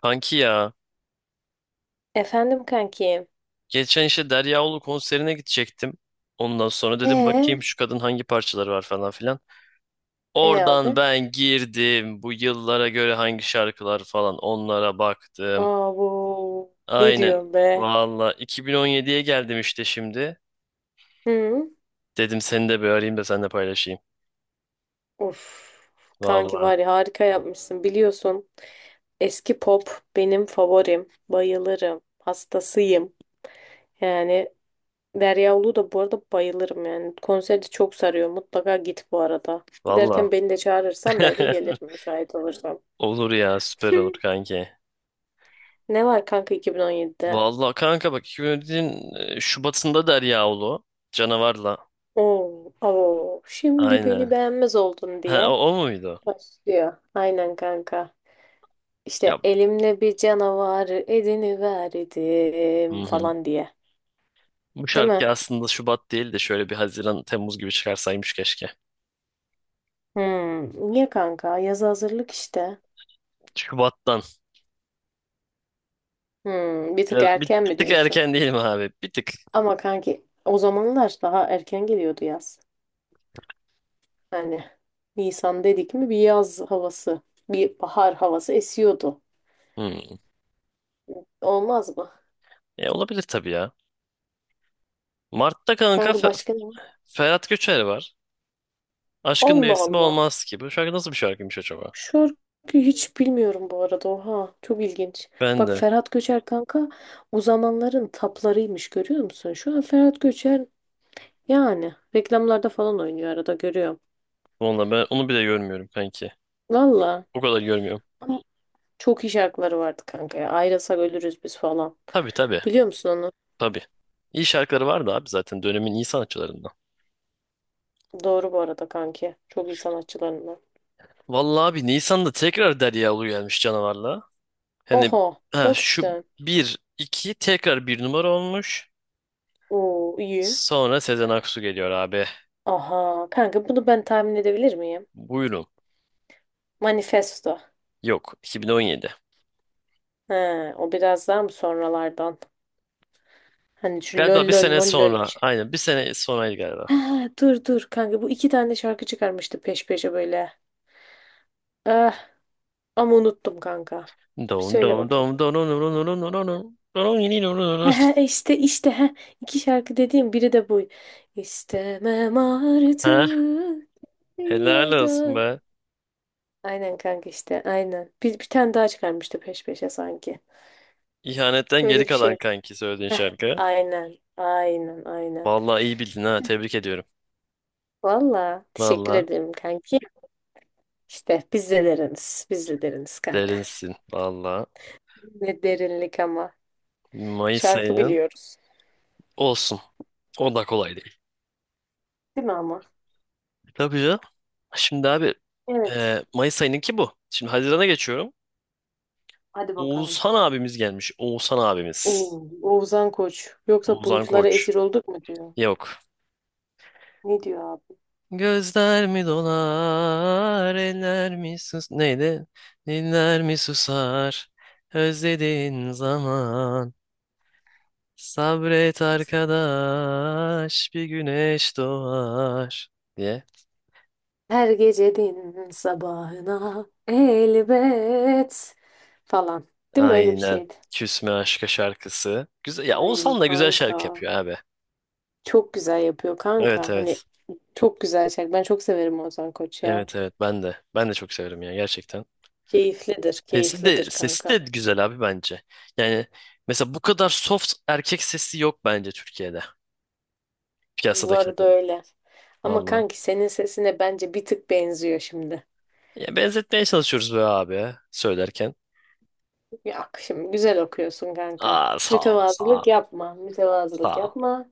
Kanki ya. Efendim kanki. Geçen işte Derya Ulu konserine gidecektim. Ondan sonra dedim Ee, bakayım şu kadın hangi parçaları var falan filan. E Oradan abi. ben girdim. Bu yıllara göre hangi şarkılar falan onlara baktım. Aa bu ne Aynen. diyorum be? Valla 2017'ye geldim işte şimdi. Hı? Dedim seni de bir arayayım da seninle paylaşayım. Of. Kanki Valla. var ya, harika yapmışsın biliyorsun. Eski pop benim favorim. Bayılırım. Hastasıyım. Yani Derya Ulu da bu arada bayılırım yani. Konserde çok sarıyor. Mutlaka git bu arada. Valla. Giderken beni de çağırırsan belki gelirim müsait olursam. Olur ya, süper olur kanki. Ne var kanka 2017'de? Valla kanka bak 2017'nin Şubat'ında Derya Ulu. Canavarla. Oo, oo, şimdi beni Aynen. beğenmez oldun Ha, o, diye. o muydu? Başlıyor. Aynen kanka. Ya, İşte elimle bir canavarı hı ediniverdim hı. falan diye. Bu Değil şarkı mi? aslında Şubat değil de şöyle bir Haziran, Temmuz gibi çıkarsaymış keşke. Hmm. Niye kanka? Yazı hazırlık işte. Şubat'tan. Hmm. Bir tık Biraz, bir, erken bir mi tık diyorsun? erken değil mi abi? Bir tık. Ama kanki o zamanlar daha erken geliyordu yaz. Hani Nisan dedik mi bir yaz havası, bir bahar havası esiyordu. Hı. Olmaz mı? Olabilir tabii ya. Mart'ta kanka Kanka başka ne var? Ferhat Göçer var. Aşkın Allah mevsimi Allah. olmaz ki. Bu şarkı nasıl bir şarkıymış acaba? Şarkıyı hiç bilmiyorum bu arada. Oha, çok ilginç. Ben Bak de. Ferhat Göçer kanka o zamanların taplarıymış, görüyor musun? Şu an Ferhat Göçer yani reklamlarda falan oynuyor, arada görüyorum. Valla ben onu bile görmüyorum kanki. Valla O kadar görmüyorum. ama çok iyi şarkıları vardı kanka ya. Ayrılsak ölürüz biz falan. Tabii tabii. Biliyor musun onu? Tabii. İyi şarkıları vardı abi, zaten dönemin iyi sanatçılarından. Doğru bu arada kanki. Çok iyi sanatçılarından. Vallahi abi Nisan'da tekrar Derya Ulu gelmiş canavarla. Hani Oha, ha, bak şu sen. bir 2 tekrar bir numara olmuş. Oo iyi. Sonra Sezen Aksu geliyor abi. Aha kanka, bunu ben tahmin edebilir miyim? Buyurun. Manifesto. Yok, 2017. He, o biraz daha mı sonralardan? Hani şu lol Galiba bir lol sene mol lol bir sonra. şey. Aynen, bir sene sonraydı galiba. Ha, dur dur kanka, bu iki tane şarkı çıkarmıştı peş peşe böyle. Ah, ama unuttum kanka. Dur bir Dom söyle dom dom bakayım. dom dom dom dom dom dom dom yini dom dom dom. Ha, işte işte ha, iki şarkı dediğim biri de bu. İstemem Ha, artık helal niye olsun dön. be. Aynen kanka işte aynen. Bir tane daha çıkarmıştı peş peşe sanki. İhanetten geri Böyle bir kalan şey. kanki söylediğin Heh, şarkı. aynen aynen aynen. Vallahi iyi bildin ha, tebrik ediyorum. Valla teşekkür Vallahi ederim kanki. İşte biz de deriniz. Biz de deriniz kanka. derinsin. Vallahi Ne derinlik ama. Mayıs Şarkı ayının biliyoruz. olsun. O da kolay değil. Değil mi ama? Tabii ya. Şimdi abi Evet. Mayıs ayınınki bu. Şimdi Haziran'a geçiyorum. Hadi bakalım. Oğuzhan abimiz gelmiş. Oğuzhan abimiz. Oo, Oğuzhan Koç. Yoksa Oğuzhan bulutlara Koç. esir olduk mu diyor. Yok. Ne diyor abi? Gözler mi dolar, eller mi sus... Neydi? Diller mi susar, özlediğin zaman. Sabret arkadaş, bir güneş doğar diye. Her gecenin sabahına elbet falan. Değil mi, öyle bir Aynen. şeydi? Küsme aşka şarkısı. Güzel. Ya Ay Oğuzhan da güzel kanka. şarkı yapıyor abi. Çok güzel yapıyor Evet kanka. Hani evet. çok güzel şarkı. Ben çok severim Oğuzhan Koç ya. Evet evet, ben de. Ben de çok severim ya, gerçekten. Keyiflidir, Sesi de keyiflidir sesi kanka. de güzel abi bence. Yani mesela bu kadar soft erkek sesi yok bence Türkiye'de. Bu arada Piyasadakilerden. öyle. Ama Valla. kanki senin sesine bence bir tık benziyor şimdi. Ya, benzetmeye çalışıyoruz be abi söylerken. Yok, şimdi güzel okuyorsun kanka. Aa, sağ ol, sağ Mütevazılık ol, yapma. Mütevazılık sağ ol. yapma.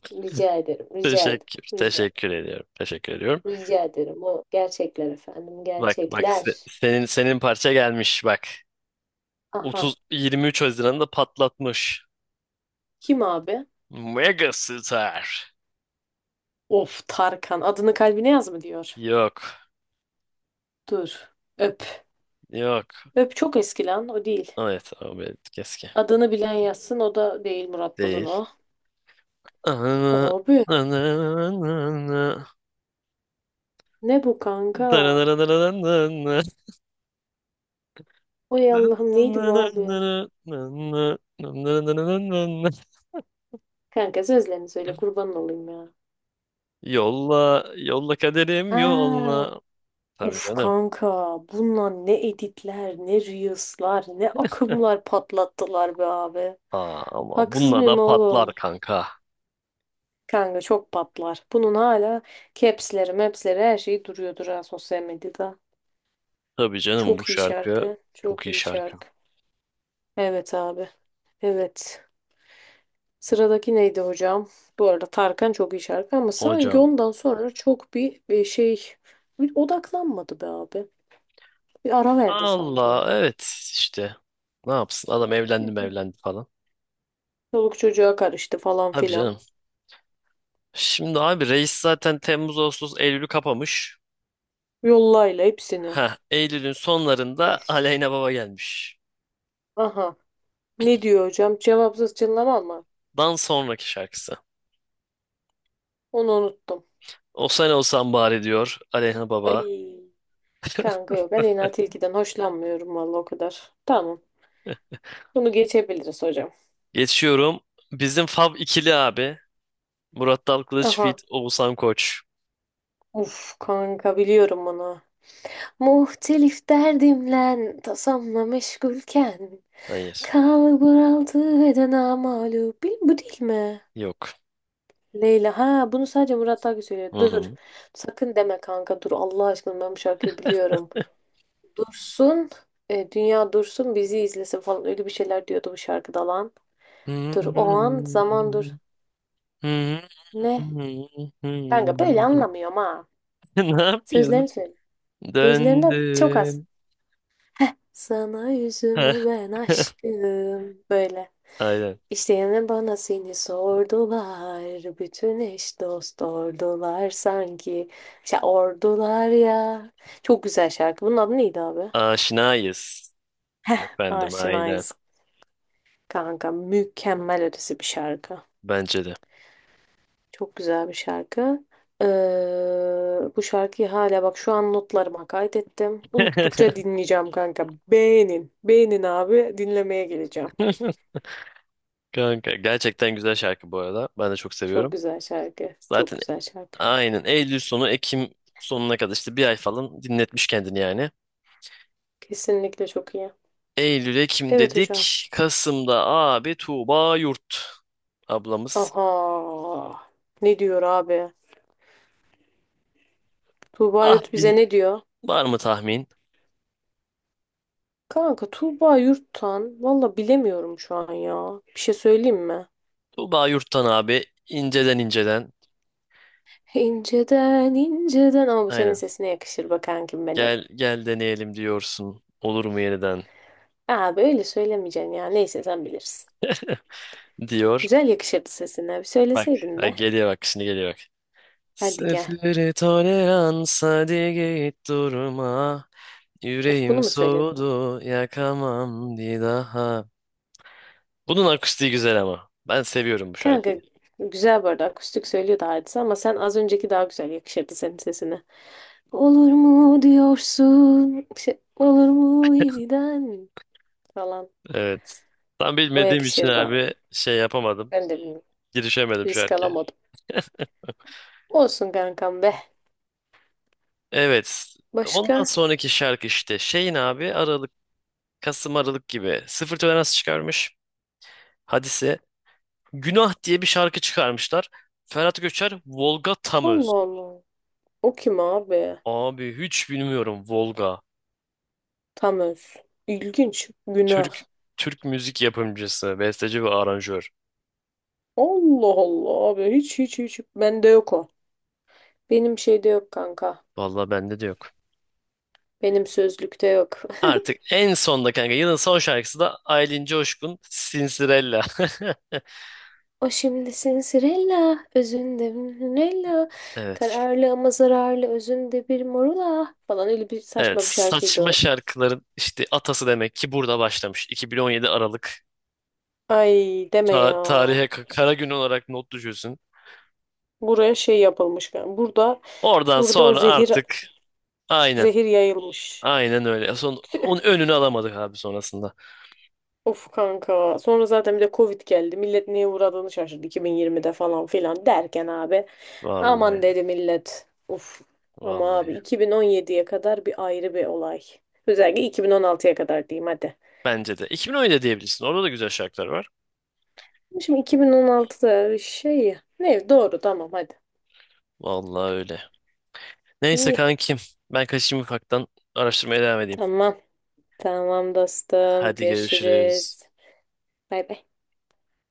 Rica ederim. Rica ederim. Teşekkür Rica, teşekkür ediyorum. Teşekkür ediyorum. rica ederim. O gerçekler efendim. Bak bak, Gerçekler. senin parça gelmiş bak. Aha. 30 23 Haziran'da patlatmış. Kim abi? Megastar. Of Tarkan. Adını kalbine yaz mı diyor. Yok. Dur. Öp. Yok. Öp çok eski lan. O değil. Evet abi, keskin. Adını bilen yazsın. O da değil. Murat Değil. Bruno. Abi. Ne bu kanka? Oy Allah'ım, neydi bu abi? Kanka sözlerini söyle, kurban olayım ya. Yolla, yolla kaderim Ha. yolla. Tabii Uf canım. kanka, bununla ne editler, ne reels'lar, ne akımlar patlattılar be abi. Aa, ama Haksız bununla da mıyım patlar oğlum? kanka. Kanka çok patlar. Bunun hala caps'leri maps'leri her şeyi duruyordur ha, sosyal medyada. Tabii canım, bu Çok iyi şarkı şarkı. çok Çok iyi iyi şarkı. şarkı. Evet abi. Evet. Sıradaki neydi hocam? Bu arada Tarkan çok iyi şarkı ama sanki Hocam ondan sonra çok bir şey, bir odaklanmadı be abi. Bir ara verdi sanki. Allah, evet işte, ne yapsın adam, evlendi mi evlendi falan. Çoluk çocuğa karıştı falan Tabii filan. canım. Şimdi abi reis zaten Temmuz, Ağustos, Eylül'ü kapamış. Yollayla hepsini. Ha, Eylül'ün sonlarında Uf. Aleyna Baba gelmiş. Aha. Ne diyor hocam? Cevapsız çınlama mı? Dan sonraki şarkısı. Onu unuttum. O sen olsan bari diyor Aleyna Baba. Ay. Kanka yok. Aleyna Tilki'den hoşlanmıyorum vallahi o kadar. Tamam. Bunu geçebiliriz hocam. Geçiyorum. Bizim Fab ikili abi. Murat Dal Kılıç feat. Aha. Oğuzhan Koç. Uf kanka, biliyorum bunu. Muhtelif derdimle tasamla meşgulken Hayır. kalbur altı beden amalu. Bil, bu değil mi? Yok. Leyla. Ha, bunu sadece Murat Akgül söylüyor. Dur. Hı Sakın deme kanka, dur. Allah aşkına ben bu şarkıyı biliyorum. Dursun. Dünya dursun bizi izlesin falan. Öyle bir şeyler diyordu bu şarkıda lan. hı. Dur o an zaman dur. Ne? Kanka böyle anlamıyorum ha. Ne yapıyorsun? Sözlerini söyle. Sözlerinden çok az. Döndüm. Heh. Sana yüzümü Heh, ben aşkım. Böyle. aynen. İşte yine bana seni sordular, bütün eş dost ordular sanki. İşte ordular ya. Çok güzel şarkı. Bunun adı neydi abi? Aşinayız. Heh, Efendim, aynen. Aşinayız kanka. Mükemmel ötesi bir şarkı. Bence de. Çok güzel bir şarkı. Ee, Bu şarkıyı hala bak şu an notlarıma kaydettim. Unuttukça dinleyeceğim kanka. Beğenin. Beğenin abi. Dinlemeye geleceğim. Kanka gerçekten güzel şarkı bu arada. Ben de çok Çok seviyorum. güzel şarkı. Çok Zaten güzel şarkı. aynen Eylül sonu Ekim sonuna kadar işte bir ay falan dinletmiş kendini yani. Kesinlikle çok iyi. Eylül Ekim Evet hocam. dedik. Kasım'da abi Tuğba Yurt ablamız. Aha. Ne diyor abi? Tuğba Yurt bize Tahmin, ne diyor? var mı tahmin? Kanka Tuğba Yurt'tan valla bilemiyorum şu an ya. Bir şey söyleyeyim mi? Tuğba Yurt'tan abi inceden inceden. İnceden inceden, ama bu senin Aynen. sesine yakışır be kankim benim. Gel gel deneyelim diyorsun. Olur mu yeniden Abi öyle söylemeyeceksin ya. Neyse sen bilirsin. diyor. Güzel yakışırdı sesine. Bir Bak, söyleseydin ha, be. geliyor bak, şimdi geliyor bak. Hadi gel. Sıfırı tolerans, hadi git durma. Öf, Yüreğim bunu mu söyledin? soğudu, yakamam bir daha. Bunun akustiği güzel ama. Ben seviyorum bu Kanka şarkıyı. güzel bu arada, akustik söylüyordu Hadise ama sen az önceki daha güzel yakışırdı senin sesine. Olur mu diyorsun? Şey, olur mu yeniden falan. Evet. Tam O bilmediğim için yakışır da. abi şey yapamadım. Ben de bilmiyorum. Girişemedim Risk şarkıya. alamadım. Olsun kankam be. Evet. Ondan Başka? sonraki şarkı işte şeyin abi Aralık, Kasım Aralık gibi sıfır tolerans çıkarmış. Hadise. Günah diye bir şarkı çıkarmışlar. Ferhat Göçer, Volga Tamöz. Allah Allah. O kim abi? Abi hiç bilmiyorum Volga. Tam öz. İlginç. Günah. Türk Türk müzik yapımcısı, besteci ve aranjör. Allah Allah abi. Hiç hiç hiç. Bende yok o. Benim şeyde yok kanka. Vallahi bende de yok. Benim sözlükte yok. Artık en sonda kanka yılın son şarkısı da Aylin Coşkun Sinsirella. O şimdi sinsirella. Özünde Nella. Evet. Kararlı ama zararlı özünde bir morula falan, öyle bir Evet, saçma bir şarkıydı saçma o. şarkıların işte atası demek ki burada başlamış. 2017 Aralık. Ay deme ya. Tarihe kara gün olarak not düşüyorsun. Buraya şey yapılmış. Burada Oradan burada o sonra zehir artık aynen, zehir yayılmış. aynen öyle. Son onun önünü alamadık abi sonrasında. Of kanka. Sonra zaten bir de Covid geldi. Millet neye uğradığını şaşırdı 2020'de falan filan derken abi. Aman Vallahi dedi millet. Of. Ama abi vallahi. 2017'ye kadar bir ayrı bir olay. Özellikle 2016'ya kadar diyeyim hadi. Bence de 2017 diyebilirsin. Orada da güzel şarkılar var. Şimdi 2016'da şey ne doğru tamam hadi. Vallahi öyle. Neyse İyi. kankim, ben kaçayım ufaktan araştırmaya devam edeyim. Tamam. Tamam dostum. Hadi görüşürüz. Görüşürüz. Bay bay.